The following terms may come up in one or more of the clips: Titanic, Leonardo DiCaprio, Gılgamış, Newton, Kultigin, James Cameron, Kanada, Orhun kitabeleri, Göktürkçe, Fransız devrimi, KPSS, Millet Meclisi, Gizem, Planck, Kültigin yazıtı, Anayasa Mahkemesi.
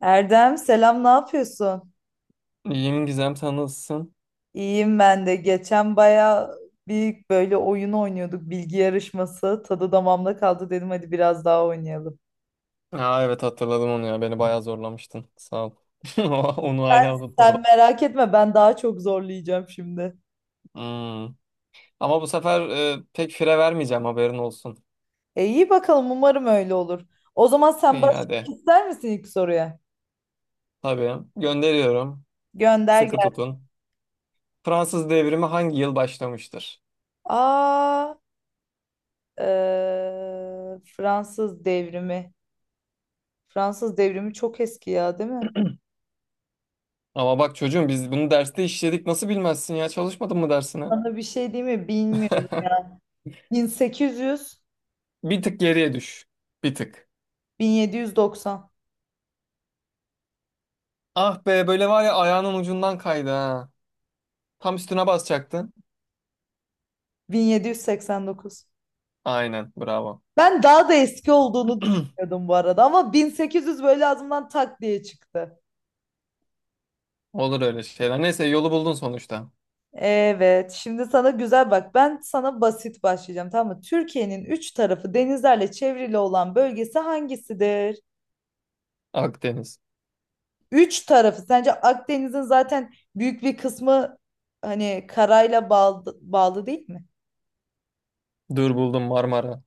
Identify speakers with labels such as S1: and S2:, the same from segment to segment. S1: Erdem selam, ne yapıyorsun?
S2: İyiyim Gizem, sen nasılsın?
S1: İyiyim ben de. Geçen baya bir böyle oyun oynuyorduk, bilgi yarışması. Tadı damağımda kaldı, dedim hadi biraz daha oynayalım.
S2: Ha evet, hatırladım onu ya, beni bayağı zorlamıştın, sağ ol. Onu hala
S1: Sen
S2: unutmadım.
S1: merak etme, ben daha çok zorlayacağım şimdi.
S2: Hmm. Ama bu sefer pek fire vermeyeceğim, haberin olsun.
S1: E iyi bakalım, umarım öyle olur. O zaman sen
S2: İyi,
S1: başlamak
S2: hadi.
S1: ister misin ilk soruya?
S2: Tabii, gönderiyorum.
S1: Gönder
S2: Sıkı
S1: gel.
S2: tutun. Fransız devrimi hangi yıl başlamıştır?
S1: Aa, Fransız devrimi. Fransız devrimi çok eski ya, değil mi?
S2: Ama bak çocuğum, biz bunu derste işledik, nasıl bilmezsin ya, çalışmadın mı dersine?
S1: Sana bir şey diyeyim mi? Bilmiyorum ya. 1800.
S2: Bir tık geriye düş. Bir tık.
S1: 1790.
S2: Ah be, böyle var ya, ayağının ucundan kaydı ha. Tam üstüne basacaktın.
S1: 1789.
S2: Aynen, bravo.
S1: Ben daha da eski olduğunu düşünüyordum bu arada, ama 1800 böyle ağzımdan tak diye çıktı.
S2: Olur öyle şeyler. Neyse, yolu buldun sonuçta.
S1: Evet, şimdi sana güzel bak. Ben sana basit başlayacağım, tamam mı? Türkiye'nin üç tarafı denizlerle çevrili olan bölgesi hangisidir?
S2: Akdeniz.
S1: Üç tarafı. Sence Akdeniz'in zaten büyük bir kısmı hani karayla bağlı, değil mi?
S2: Dur buldum, Marmara.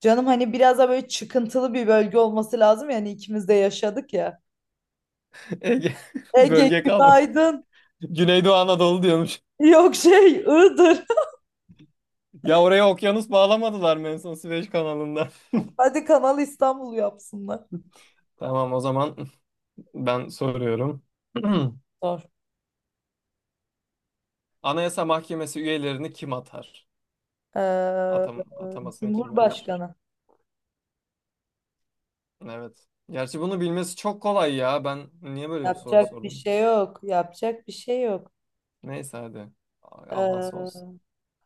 S1: Canım hani biraz da böyle çıkıntılı bir bölge olması lazım, yani ikimiz de yaşadık ya.
S2: Ege.
S1: Ege
S2: Bölge kalma.
S1: günaydın.
S2: Güneydoğu Anadolu diyormuş.
S1: Yok şey, Iğdır.
S2: Ya oraya okyanus bağlamadılar mı en son Süveyş kanalında?
S1: Hadi Kanal İstanbul yapsınlar.
S2: Tamam o zaman ben soruyorum.
S1: Zor.
S2: Anayasa Mahkemesi üyelerini kim atar?
S1: Ee,
S2: Atam atamasını kim yapar?
S1: Cumhurbaşkanı.
S2: Evet. Gerçi bunu bilmesi çok kolay ya. Ben niye böyle bir soru
S1: Yapacak bir
S2: sordum?
S1: şey yok. Yapacak bir şey yok.
S2: Neyse, hadi. Avans olsun.
S1: Ee,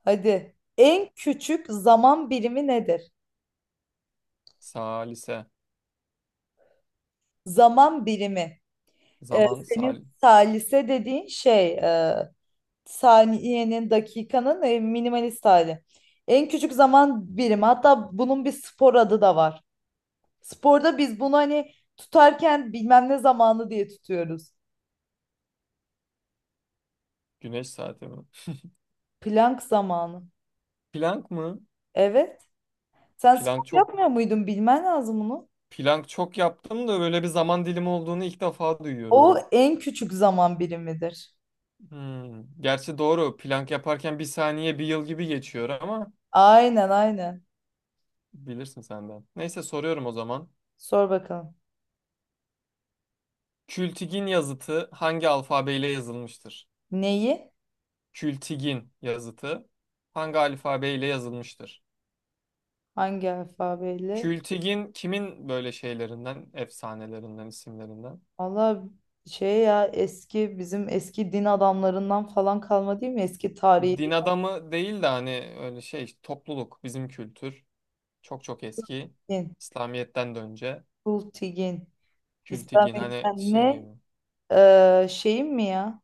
S1: hadi. En küçük zaman birimi nedir?
S2: Salise.
S1: Zaman birimi.
S2: Zaman
S1: Senin
S2: sal.
S1: salise dediğin şey saniyenin, dakikanın minimalist hali. En küçük zaman birimi. Hatta bunun bir spor adı da var. Sporda biz bunu hani tutarken bilmem ne zamanı diye tutuyoruz.
S2: Güneş saati mi?
S1: Plank zamanı.
S2: Planck mı?
S1: Evet. Sen spor
S2: Plank çok
S1: yapmıyor muydun? Bilmen lazım bunu.
S2: plank çok yaptım da böyle bir zaman dilimi olduğunu ilk defa duyuyorum.
S1: O en küçük zaman birimidir.
S2: Hmm. Gerçi doğru. Plank yaparken bir saniye bir yıl gibi geçiyor ama
S1: Aynen aynen.
S2: bilirsin senden. Neyse, soruyorum o zaman.
S1: Sor bakalım.
S2: Kültigin yazıtı hangi alfabeyle yazılmıştır?
S1: Neyi?
S2: Kültigin yazıtı hangi alfabeyle yazılmıştır?
S1: Hangi alfabeyle?
S2: Kültigin kimin böyle şeylerinden, efsanelerinden, isimlerinden?
S1: Valla şey ya, eski bizim eski din adamlarından falan kalma değil mi? Eski
S2: Din
S1: tarihi
S2: adamı değil de hani öyle şey topluluk, bizim kültür. Çok çok eski.
S1: din.
S2: İslamiyet'ten de önce.
S1: Kultigin.
S2: Kültigin hani
S1: İslamiyet'ten
S2: şey,
S1: ne? Şeyim mi ya?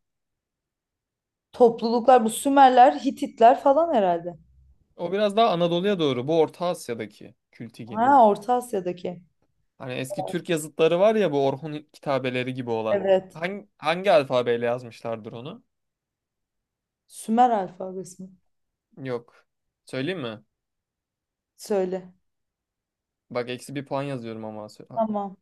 S1: Topluluklar bu Sümerler, Hititler falan herhalde.
S2: o biraz daha Anadolu'ya doğru. Bu Orta Asya'daki Kültigin.
S1: Ha, Orta Asya'daki.
S2: Hani eski Türk yazıtları var ya, bu Orhun kitabeleri gibi olan.
S1: Evet.
S2: Hangi alfabeyle yazmışlardır onu?
S1: Sümer alfabesi mi?
S2: Yok. Söyleyeyim mi?
S1: Söyle.
S2: Bak eksi bir puan yazıyorum ama. Sö- ha,
S1: Tamam.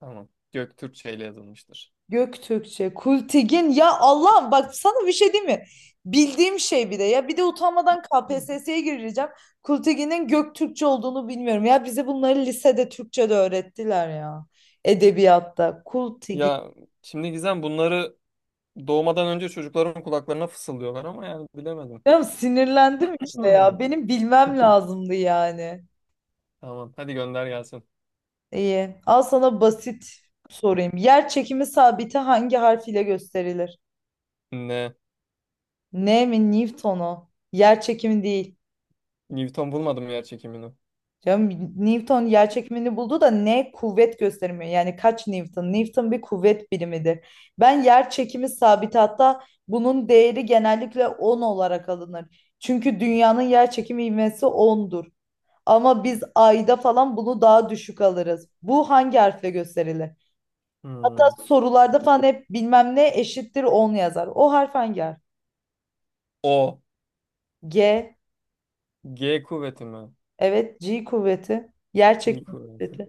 S2: tamam. Göktürkçe ile yazılmıştır.
S1: Göktürkçe, Kultigin ya Allah'ım, bak sana bir şey diyeyim mi? Bildiğim şey bir de ya, bir de utanmadan
S2: Hı.
S1: KPSS'ye gireceğim. Kultigin'in Göktürkçe olduğunu bilmiyorum. Ya bize bunları lisede Türkçe'de öğrettiler ya. Edebiyatta Kultigin.
S2: Ya şimdi Gizem, bunları doğmadan önce çocukların kulaklarına fısıldıyorlar ama yani bilemedim.
S1: Ya sinirlendim işte ya. Benim bilmem lazımdı yani.
S2: Tamam hadi, gönder gelsin.
S1: İyi. Al sana basit sorayım. Yer çekimi sabiti hangi harf ile gösterilir?
S2: Ne?
S1: Ne mi, Newton'u? Yer çekimi değil.
S2: Newton bulmadım yer çekimini.
S1: Canım Newton yer çekimini buldu da, ne kuvvet göstermiyor. Yani kaç Newton? Newton bir kuvvet birimidir. Ben yer çekimi sabiti, hatta bunun değeri genellikle 10 olarak alınır. Çünkü dünyanın yer çekimi ivmesi 10'dur. Ama biz ayda falan bunu daha düşük alırız. Bu hangi harfle gösterilir? Hatta
S2: Hmm.
S1: sorularda falan hep bilmem ne eşittir 10 yazar. O harf hangi harf?
S2: O.
S1: G.
S2: G kuvveti mi?
S1: Evet, G kuvveti. Yer
S2: G
S1: çekimi
S2: kuvveti.
S1: kuvveti.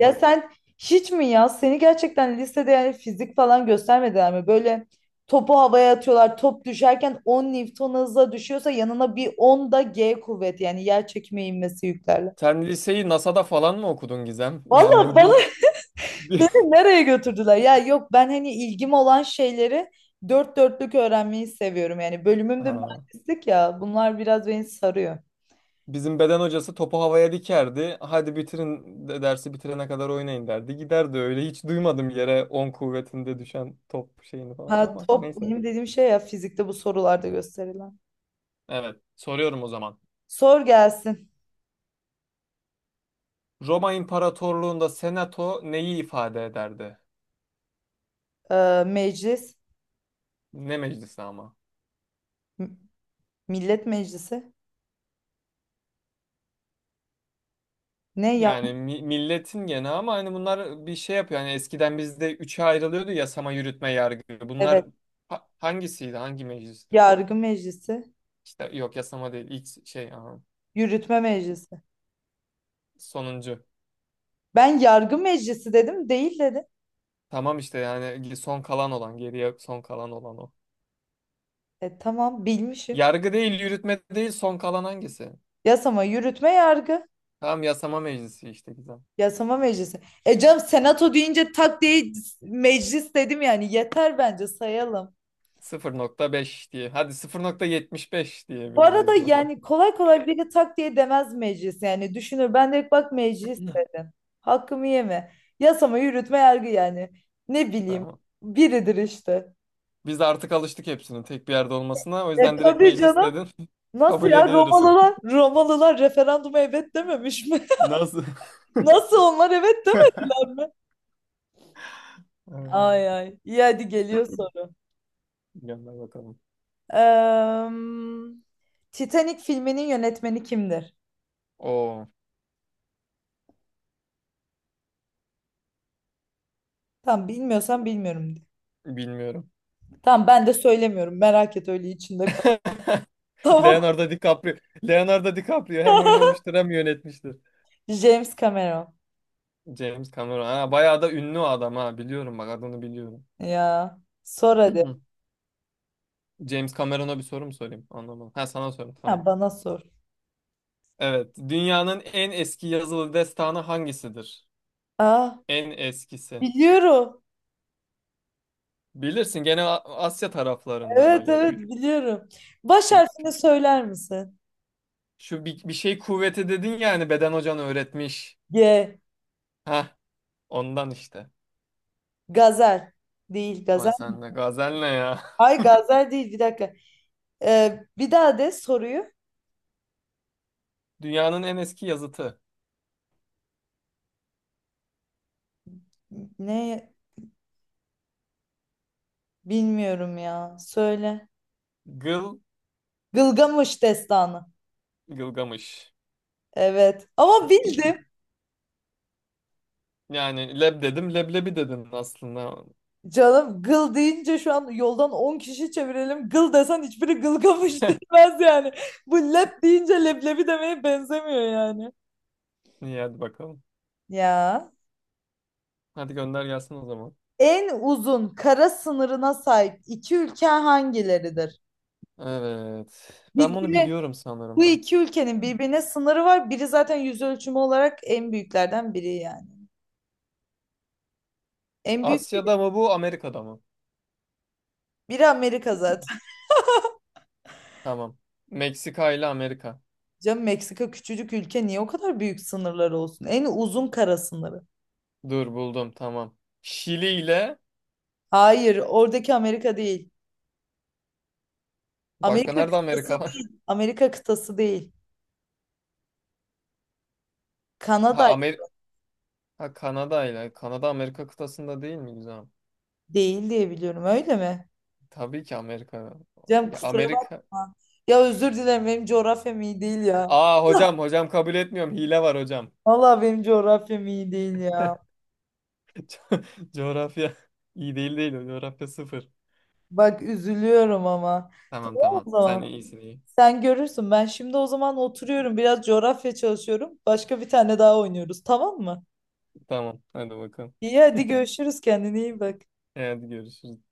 S1: Ya sen hiç mi ya? Seni gerçekten lisede yani fizik falan göstermediler mi? Böyle topu havaya atıyorlar. Top düşerken 10 Newton hızla düşüyorsa, yanına bir 10 da G kuvveti yani yer çekimi inmesi yüklerle.
S2: Sen liseyi NASA'da falan mı okudun Gizem? Yani
S1: Vallahi
S2: bu
S1: bana
S2: bir... bir-
S1: beni nereye götürdüler? Ya yok, ben hani ilgim olan şeyleri dört dörtlük öğrenmeyi seviyorum. Yani bölümüm de
S2: Ha.
S1: mühendislik ya. Bunlar biraz beni sarıyor.
S2: Bizim beden hocası topu havaya dikerdi. Hadi bitirin de dersi, bitirene kadar oynayın derdi. Giderdi öyle. Hiç duymadım yere 10 kuvvetinde düşen top şeyini falan
S1: Ha
S2: ama
S1: top,
S2: neyse.
S1: benim dediğim şey ya fizikte bu sorularda gösterilen.
S2: Evet. Soruyorum o zaman.
S1: Sor gelsin.
S2: Roma İmparatorluğu'nda senato neyi ifade ederdi?
S1: e, Meclis.
S2: Ne meclisi ama?
S1: Millet Meclisi. Ne ya?
S2: Yani mi- milletin gene ama hani bunlar bir şey yapıyor. Hani eskiden bizde üçe ayrılıyordu: yasama, yürütme, yargı. Bunlar
S1: Evet.
S2: ha- hangisiydi? Hangi meclisti?
S1: Yargı Meclisi.
S2: İşte yok, yasama değil. İlk şey aha,
S1: Yürütme Meclisi.
S2: sonuncu.
S1: Ben yargı meclisi dedim. Değil dedi.
S2: Tamam, işte yani son kalan olan, geriye son kalan olan o.
S1: E tamam bilmişim.
S2: Yargı değil, yürütme değil, son kalan hangisi?
S1: Yasama, yürütme, yargı.
S2: Tamam, yasama meclisi işte, güzel.
S1: Yasama meclisi. E canım senato deyince tak diye meclis dedim yani. Yeter bence, sayalım.
S2: 0,5 diye. Hadi 0,75
S1: Bu arada
S2: diyebiliriz buna.
S1: yani kolay kolay biri tak diye demez meclis. Yani düşünür, ben de bak meclis dedim. Hakkımı yeme. Yasama, yürütme, yargı yani. Ne bileyim.
S2: Tamam.
S1: Biridir işte.
S2: Biz de artık alıştık hepsinin tek bir yerde olmasına. O
S1: E
S2: yüzden direkt
S1: tabii
S2: meclis
S1: canım.
S2: dedin.
S1: Nasıl
S2: Kabul
S1: ya,
S2: ediyoruz.
S1: Romalılar referanduma evet dememiş mi?
S2: Nasıl?
S1: Nasıl onlar evet demediler mi?
S2: Evet.
S1: Ay ay. İyi hadi, geliyor soru.
S2: Gönder bakalım.
S1: Eee, Titanic filminin yönetmeni kimdir?
S2: Oo,
S1: Tamam bilmiyorsan bilmiyorum de.
S2: bilmiyorum.
S1: Tamam ben de söylemiyorum. Merak et, öyle içinde kal. Tamam.
S2: Leonardo DiCaprio. Leonardo DiCaprio hem oynamıştır hem yönetmiştir.
S1: James Cameron.
S2: James Cameron. Ha, bayağı da ünlü o adam ha. Biliyorum, bak adını biliyorum.
S1: Ya sor hadi.
S2: James Cameron'a bir soru mu sorayım? Anlamadım. Ha, sana sorayım,
S1: Ha,
S2: tamam.
S1: bana sor.
S2: Evet. Dünyanın en eski yazılı destanı hangisidir?
S1: Aa,
S2: En eskisi.
S1: biliyorum.
S2: Bilirsin gene A- Asya taraflarında
S1: Evet
S2: böyle.
S1: evet,
S2: Kü-
S1: biliyorum. Baş
S2: kü-
S1: harfini
S2: kü-
S1: söyler misin?
S2: Şu bir şey kuvveti dedin ya hani, beden hocan öğretmiş.
S1: G.
S2: Ha, ondan işte.
S1: Gazel. Değil
S2: Ama
S1: gazel.
S2: sen de gazel ne ya?
S1: Ay, Gazel değil, bir dakika. Bir daha de soruyu.
S2: Dünyanın en eski yazıtı.
S1: Ne bilmiyorum ya. Söyle.
S2: Gıl
S1: Gılgamış destanı.
S2: Gılgamış.
S1: Evet. Ama bildim.
S2: Yani leb dedim leblebi dedin aslında.
S1: Canım gıl deyince şu an yoldan 10 kişi çevirelim. Gıl desen hiçbiri gılgamış demez yani. Bu lep deyince leblebi demeye benzemiyor yani.
S2: İyi hadi bakalım.
S1: Ya.
S2: Hadi gönder gelsin o zaman.
S1: En uzun kara sınırına sahip iki ülke hangileridir?
S2: Evet. Ben bunu
S1: Birbirine
S2: biliyorum
S1: bu
S2: sanırım.
S1: iki ülkenin birbirine sınırı var. Biri zaten yüz ölçümü olarak en büyüklerden biri yani. En büyük
S2: Asya'da mı bu, Amerika'da mı?
S1: biri Amerika zaten.
S2: Tamam. Meksika ile Amerika.
S1: Canım, Meksika küçücük ülke, niye o kadar büyük sınırları olsun? En uzun kara sınırı.
S2: Dur buldum, tamam. Şili ile
S1: Hayır, oradaki Amerika değil.
S2: başka
S1: Amerika
S2: nerede
S1: kıtası
S2: Amerika var?
S1: değil. Amerika kıtası değil.
S2: Ha,
S1: Kanada
S2: Amer ha Kanada ile. Kanada Amerika kıtasında değil mi güzel?
S1: değil diye biliyorum, öyle mi?
S2: Tabii ki Amerika.
S1: Canım
S2: Ya
S1: kusura
S2: Amerika.
S1: bakma. Ya özür dilerim, benim coğrafyam iyi değil ya.
S2: Aa hocam, hocam kabul etmiyorum. Hile var hocam.
S1: Vallahi benim coğrafyam iyi değil ya.
S2: Co- Coğrafya iyi değil değil. Coğrafya sıfır.
S1: Bak üzülüyorum ama.
S2: Tamam
S1: Tamam
S2: tamam.
S1: o
S2: Sen
S1: zaman.
S2: iyisin, iyi.
S1: Sen görürsün. Ben şimdi o zaman oturuyorum. Biraz coğrafya çalışıyorum. Başka bir tane daha oynuyoruz, tamam mı?
S2: Tamam hadi bakalım.
S1: İyi hadi görüşürüz. Kendine iyi bak.
S2: Hadi görüşürüz.